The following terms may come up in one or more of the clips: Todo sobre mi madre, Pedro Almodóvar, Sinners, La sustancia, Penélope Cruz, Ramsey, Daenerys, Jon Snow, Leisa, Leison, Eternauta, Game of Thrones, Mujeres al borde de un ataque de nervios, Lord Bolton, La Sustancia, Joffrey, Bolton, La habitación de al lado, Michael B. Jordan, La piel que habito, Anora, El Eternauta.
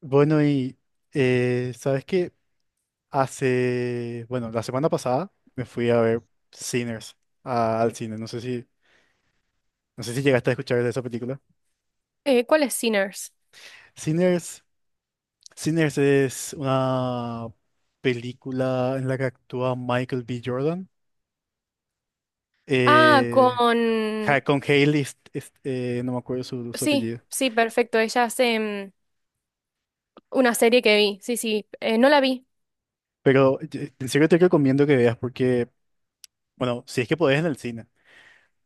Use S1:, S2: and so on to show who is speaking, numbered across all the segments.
S1: Bueno, y sabes que hace, bueno, la semana pasada me fui a ver Sinners al cine. No sé si, no sé si llegaste a escuchar de esa película.
S2: ¿Cuál es Sinners?
S1: Sinners, Sinners es una película en la que actúa Michael B. Jordan.
S2: Ah,
S1: eh,
S2: con...
S1: con Hailey, no me acuerdo su, su
S2: Sí,
S1: apellido.
S2: sí, perfecto. Ella hace una serie que vi. Sí, sí. No la vi.
S1: Pero en serio te recomiendo que veas porque, bueno, si es que podés en el cine,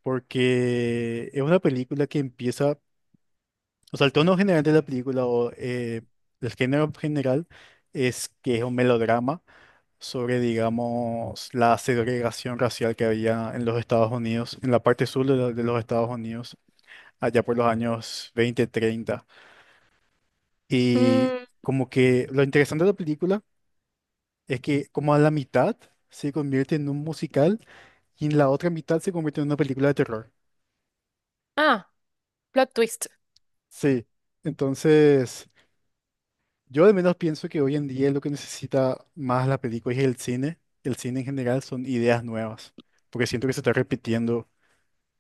S1: porque es una película que empieza. O sea, el tono general de la película o el género general es que es un melodrama sobre, digamos, la segregación racial que había en los Estados Unidos, en la parte sur de, de los Estados Unidos, allá por los años 20, 30. Y
S2: Mm,
S1: como que lo interesante de la película es que como a la mitad se convierte en un musical y en la otra mitad se convierte en una película de terror.
S2: ah, plot twist.
S1: Sí, entonces... Yo al menos pienso que hoy en día lo que necesita más la película y el cine en general, son ideas nuevas, porque siento que se está repitiendo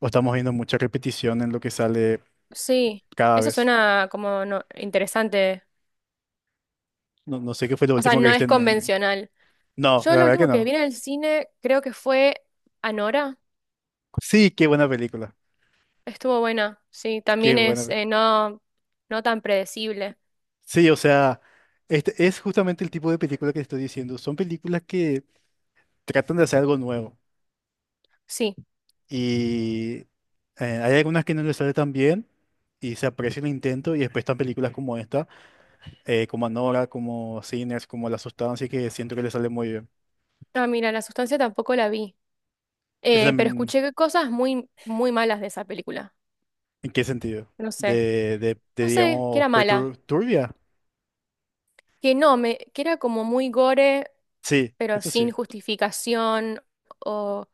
S1: o estamos viendo mucha repetición en lo que sale
S2: Sí.
S1: cada
S2: Eso
S1: vez.
S2: suena como no, interesante.
S1: No, no sé qué fue lo
S2: O sea,
S1: último que
S2: no
S1: viste
S2: es
S1: en...
S2: convencional.
S1: No,
S2: Yo
S1: la
S2: lo
S1: verdad que
S2: último que vi
S1: no.
S2: en el cine creo que fue Anora.
S1: Sí, qué buena película,
S2: Estuvo buena. Sí,
S1: qué
S2: también
S1: buena.
S2: es no, no tan predecible.
S1: Sí, o sea, este es justamente el tipo de película que estoy diciendo. Son películas que tratan de hacer algo nuevo
S2: Sí.
S1: y hay algunas que no les sale tan bien y se aprecia el intento y después están películas como esta como Anora, como Sinners, como La Sustancia, así que siento que le sale muy bien.
S2: Ah, mira, la sustancia tampoco la vi.
S1: ¿Eso
S2: Pero
S1: también
S2: escuché cosas muy, muy malas de esa película.
S1: en qué sentido?
S2: No sé.
S1: De,
S2: No sé, que
S1: digamos,
S2: era mala.
S1: turbia.
S2: Que no, me, que era como muy gore,
S1: Sí,
S2: pero
S1: eso
S2: sin
S1: sí.
S2: justificación o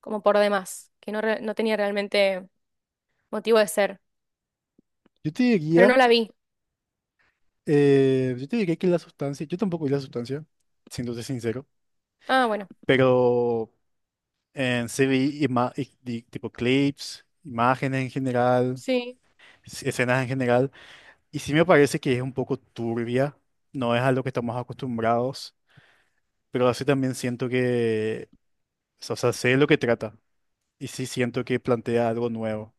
S2: como por demás. Que no, no tenía realmente motivo de ser.
S1: Yo te
S2: Pero
S1: diría,
S2: no la vi.
S1: yo te diría que La Sustancia, yo tampoco vi La Sustancia, siéndote sincero,
S2: Ah, bueno.
S1: pero en sí vi tipo clips, imágenes en general,
S2: Sí,
S1: escenas en general, y sí me parece que es un poco turbia, no es a lo que estamos acostumbrados. Pero así también siento que... O sea, sé de lo que trata y sí siento que plantea algo nuevo.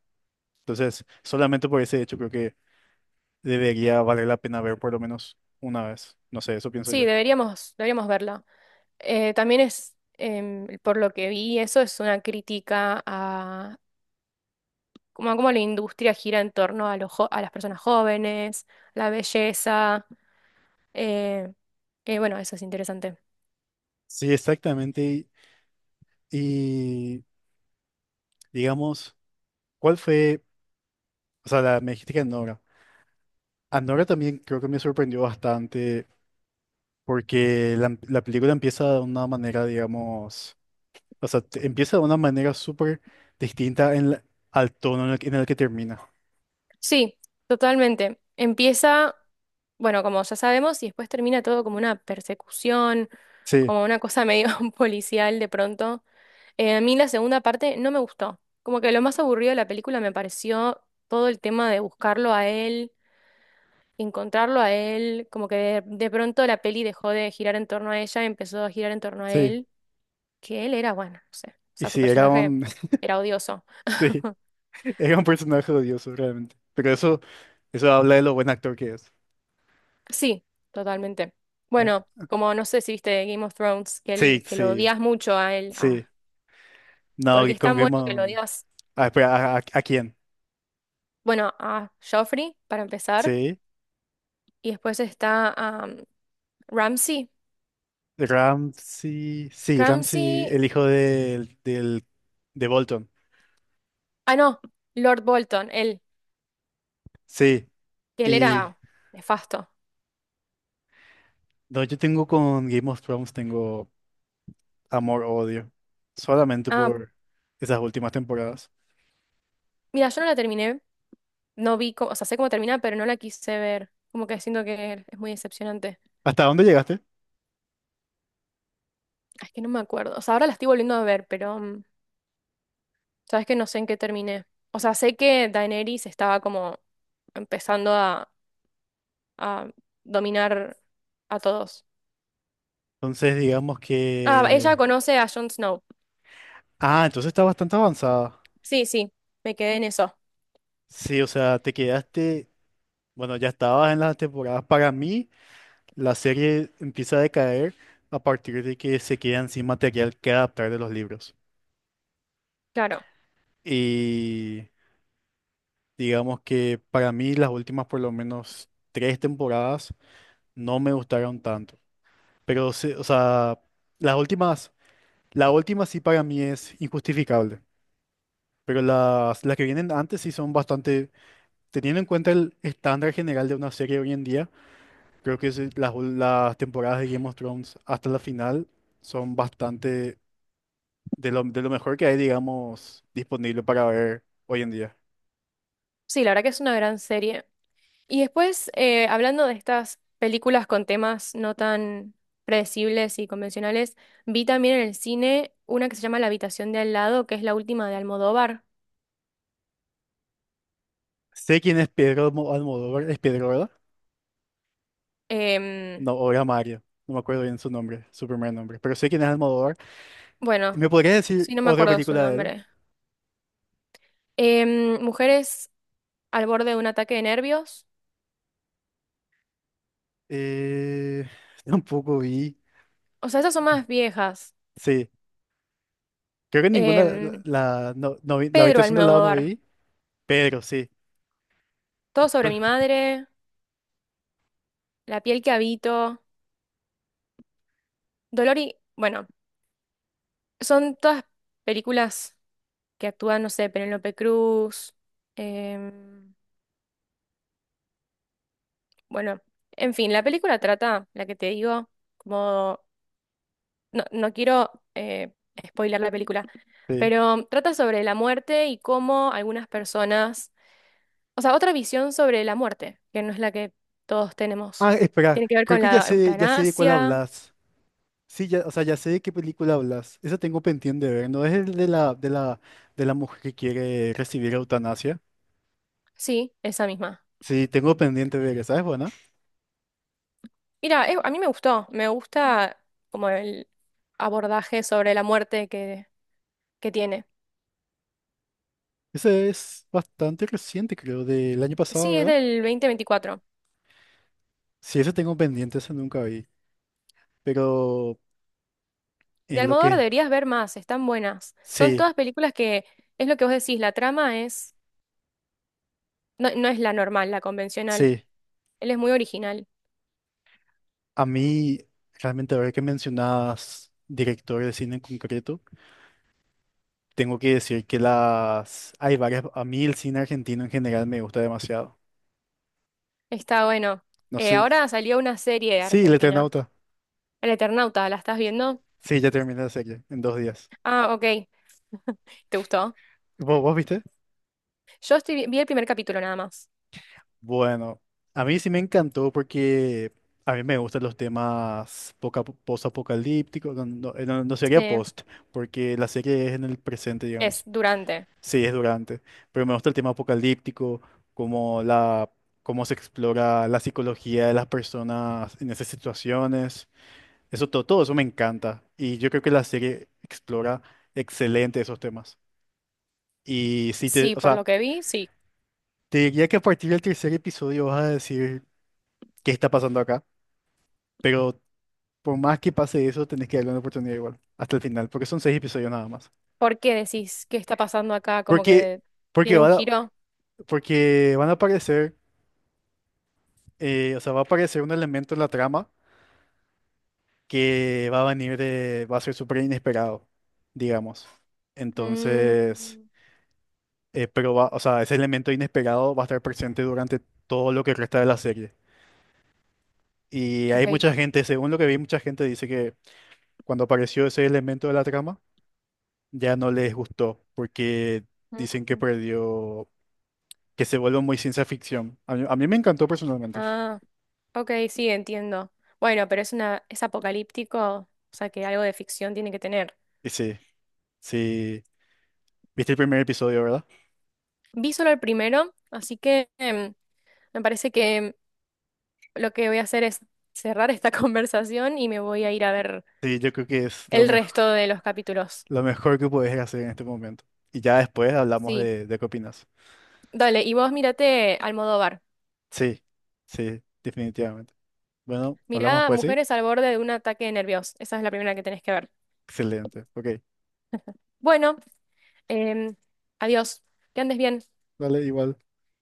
S1: Entonces, solamente por ese hecho creo que debería valer la pena ver por lo menos una vez. No sé, eso pienso
S2: sí,
S1: yo.
S2: deberíamos, deberíamos verla. También es, por lo que vi, eso es una crítica a como a cómo la industria gira en torno a, a las personas jóvenes, la belleza. eh, bueno, eso es interesante.
S1: Sí, exactamente. Y, digamos, ¿cuál fue? O sea, la, me dijiste que Anora. Anora también creo que me sorprendió bastante porque la película empieza de una manera, digamos, o sea, empieza de una manera súper distinta en al tono en el que termina.
S2: Sí, totalmente. Empieza, bueno, como ya sabemos, y después termina todo como una persecución,
S1: Sí,
S2: como una cosa medio policial de pronto. A mí la segunda parte no me gustó. Como que lo más aburrido de la película me pareció todo el tema de buscarlo a él, encontrarlo a él, como que de pronto la peli dejó de girar en torno a ella, empezó a girar en torno a
S1: sí.
S2: él, que él era, bueno, no sé, o
S1: Y
S2: sea, su
S1: sí era
S2: personaje
S1: un...
S2: era odioso.
S1: Sí. Era un personaje odioso, realmente. Pero eso habla de lo buen actor que es.
S2: Sí, totalmente.
S1: ¿Eh?
S2: Bueno, como no sé si viste Game of Thrones, que,
S1: Sí,
S2: él, que lo
S1: sí,
S2: odias mucho a él, a-
S1: sí. No,
S2: porque
S1: y
S2: es
S1: con
S2: tan bueno que lo
S1: Gaiman.
S2: odias.
S1: Ah, espera, ¿a, a quién?
S2: Bueno, a Joffrey, para empezar,
S1: Sí.
S2: y después está Ramsey.
S1: Ramsey. Sí, Ramsey,
S2: Ramsey,
S1: el hijo del, del, de Bolton.
S2: ah, no, Lord Bolton, él,
S1: Sí.
S2: que él
S1: Y
S2: era nefasto.
S1: no, yo tengo con Game of Thrones, tengo amor-odio. Solamente
S2: Ah,
S1: por esas últimas temporadas.
S2: mira, yo no la terminé, no vi, cómo- o sea, sé cómo termina, pero no la quise ver. Como que siento que es muy decepcionante.
S1: ¿Hasta dónde llegaste?
S2: Ah, es que no me acuerdo. O sea, ahora la estoy volviendo a ver, pero sabes que no sé en qué terminé. O sea, sé que Daenerys estaba como empezando a dominar a todos.
S1: Entonces, digamos
S2: Ah, ella
S1: que.
S2: conoce a Jon Snow.
S1: Ah, entonces está bastante avanzada.
S2: Sí, sí, me quedé en eso.
S1: Sí, o sea, te quedaste, bueno, ya estabas en las temporadas. Para mí, la serie empieza a decaer a partir de que se quedan sin material que adaptar de los libros.
S2: Claro.
S1: Y digamos que para mí las últimas por lo menos tres temporadas no me gustaron tanto. Pero, o sea, las últimas, la última sí para mí es injustificable. Pero las que vienen antes sí son bastante, teniendo en cuenta el estándar general de una serie hoy en día. Creo que sí, las, las temporadas de Game of Thrones hasta la final son bastante de lo mejor que hay, digamos, disponible para ver hoy en día.
S2: Sí, la verdad que es una gran serie. Y después, hablando de estas películas con temas no tan predecibles y convencionales, vi también en el cine una que se llama La habitación de al lado, que es la última de Almodóvar.
S1: Sé quién es Pedro Almodóvar, es Pedro, ¿verdad?
S2: Em,
S1: No, o era Mario, no me acuerdo bien su nombre, su primer nombre, pero sé quién es Almodóvar.
S2: bueno,
S1: ¿Me podrías decir
S2: sí, no me
S1: otra
S2: acuerdo su
S1: película de él?
S2: nombre. Mujeres al borde de un ataque de nervios.
S1: Eh, tampoco vi,
S2: O sea, esas son más viejas.
S1: sí, creo que ninguna, la,
S2: Em,
S1: la, no vi, la
S2: Pedro
S1: habitación del lado no
S2: Almodóvar,
S1: vi, pero sí,
S2: Todo sobre
S1: pr-
S2: mi madre, La piel que habito, Dolor y... Bueno, son todas películas que actúan, no sé, Penélope Cruz. em, bueno, en fin, la película trata, la que te digo, como... No, no quiero spoilear la película,
S1: sí.
S2: pero trata sobre la muerte y cómo algunas personas o sea, otra visión sobre la muerte, que no es la que todos tenemos.
S1: Ah, espera,
S2: Tiene que ver
S1: creo
S2: con
S1: que
S2: la
S1: ya sé de cuál
S2: eutanasia,
S1: hablas. Sí, ya, o sea, ya sé de qué película hablas. Esa tengo pendiente de ver. ¿No es el de la, de la, de la mujer que quiere recibir eutanasia?
S2: sí, esa misma.
S1: Sí, tengo pendiente de ver esa. ¿Es buena?
S2: Mira, a mí me gustó, me gusta como el abordaje sobre la muerte que tiene.
S1: Esa es bastante reciente, creo, del año pasado,
S2: Sí, es
S1: ¿verdad?
S2: del 2024.
S1: Sí, esa tengo pendiente, esa nunca vi. Pero
S2: De
S1: en lo
S2: Almodóvar
S1: que...
S2: deberías ver más, están buenas. Son
S1: Sí,
S2: todas películas que, es lo que vos decís, la trama es, no, no es la normal, la convencional.
S1: sí.
S2: Él es muy original.
S1: A mí, realmente, ahora que mencionas director de cine en concreto, tengo que decir que las... Hay varias... A mí el cine argentino en general me gusta demasiado.
S2: Está bueno.
S1: No sé...
S2: Ahora salió una serie
S1: Sí, el
S2: argentina,
S1: Eternauta.
S2: El Eternauta, ¿la estás viendo?
S1: Sí, ya terminé la serie en 2 días.
S2: Ah, ok. ¿Te gustó?
S1: ¿Vos, vos viste?
S2: Yo estoy, vi el primer capítulo nada más.
S1: Bueno, a mí sí me encantó porque a mí me gustan los temas post-apocalípticos. No, no, no sería
S2: Sí,
S1: post, porque la serie es en el presente,
S2: es
S1: digamos.
S2: durante.
S1: Sí, es durante. Pero me gusta el tema apocalíptico, como la, cómo se explora la psicología de las personas en esas situaciones. Eso, todo, todo eso me encanta. Y yo creo que la serie explora excelente esos temas. Y sí te,
S2: Sí,
S1: o
S2: por
S1: sea.
S2: lo que vi, sí.
S1: Te diría que a partir del tercer episodio vas a decir qué está pasando acá, pero por más que pase eso, tenés que darle una oportunidad igual, hasta el final, porque son 6 episodios nada más.
S2: ¿Por qué decís qué está pasando acá? Como
S1: Porque,
S2: que
S1: porque,
S2: tiene un
S1: van a,
S2: giro.
S1: porque van a aparecer, o sea, va a aparecer un elemento en la trama que va a venir de, va a ser súper inesperado, digamos. Entonces,
S2: Mm,
S1: pero va, o sea, ese elemento inesperado va a estar presente durante todo lo que resta de la serie. Y hay
S2: ok.
S1: mucha gente, según lo que vi, mucha gente dice que cuando apareció ese elemento de la trama, ya no les gustó porque dicen que
S2: Mm.
S1: perdió, que se vuelve muy ciencia ficción. A mí me encantó personalmente.
S2: Ah, ok, sí, entiendo. Bueno, pero es una, es apocalíptico, o sea que algo de ficción tiene que tener.
S1: Y sí, sí, viste el primer episodio, ¿verdad?
S2: Vi solo el primero, así que me parece que lo que voy a hacer es cerrar esta conversación y me voy a ir a ver
S1: Sí, yo creo que es
S2: el resto de los capítulos.
S1: lo mejor que puedes hacer en este momento. Y ya después hablamos
S2: Sí.
S1: de qué opinas.
S2: Dale, y vos mírate Almodóvar.
S1: Sí, sí, definitivamente. Bueno, hablamos
S2: Mirá
S1: pues, sí.
S2: Mujeres al borde de un ataque nervioso. Esa es la primera que tenés que ver.
S1: Excelente. Ok,
S2: Bueno, em, adiós. Que andes bien.
S1: dale igual.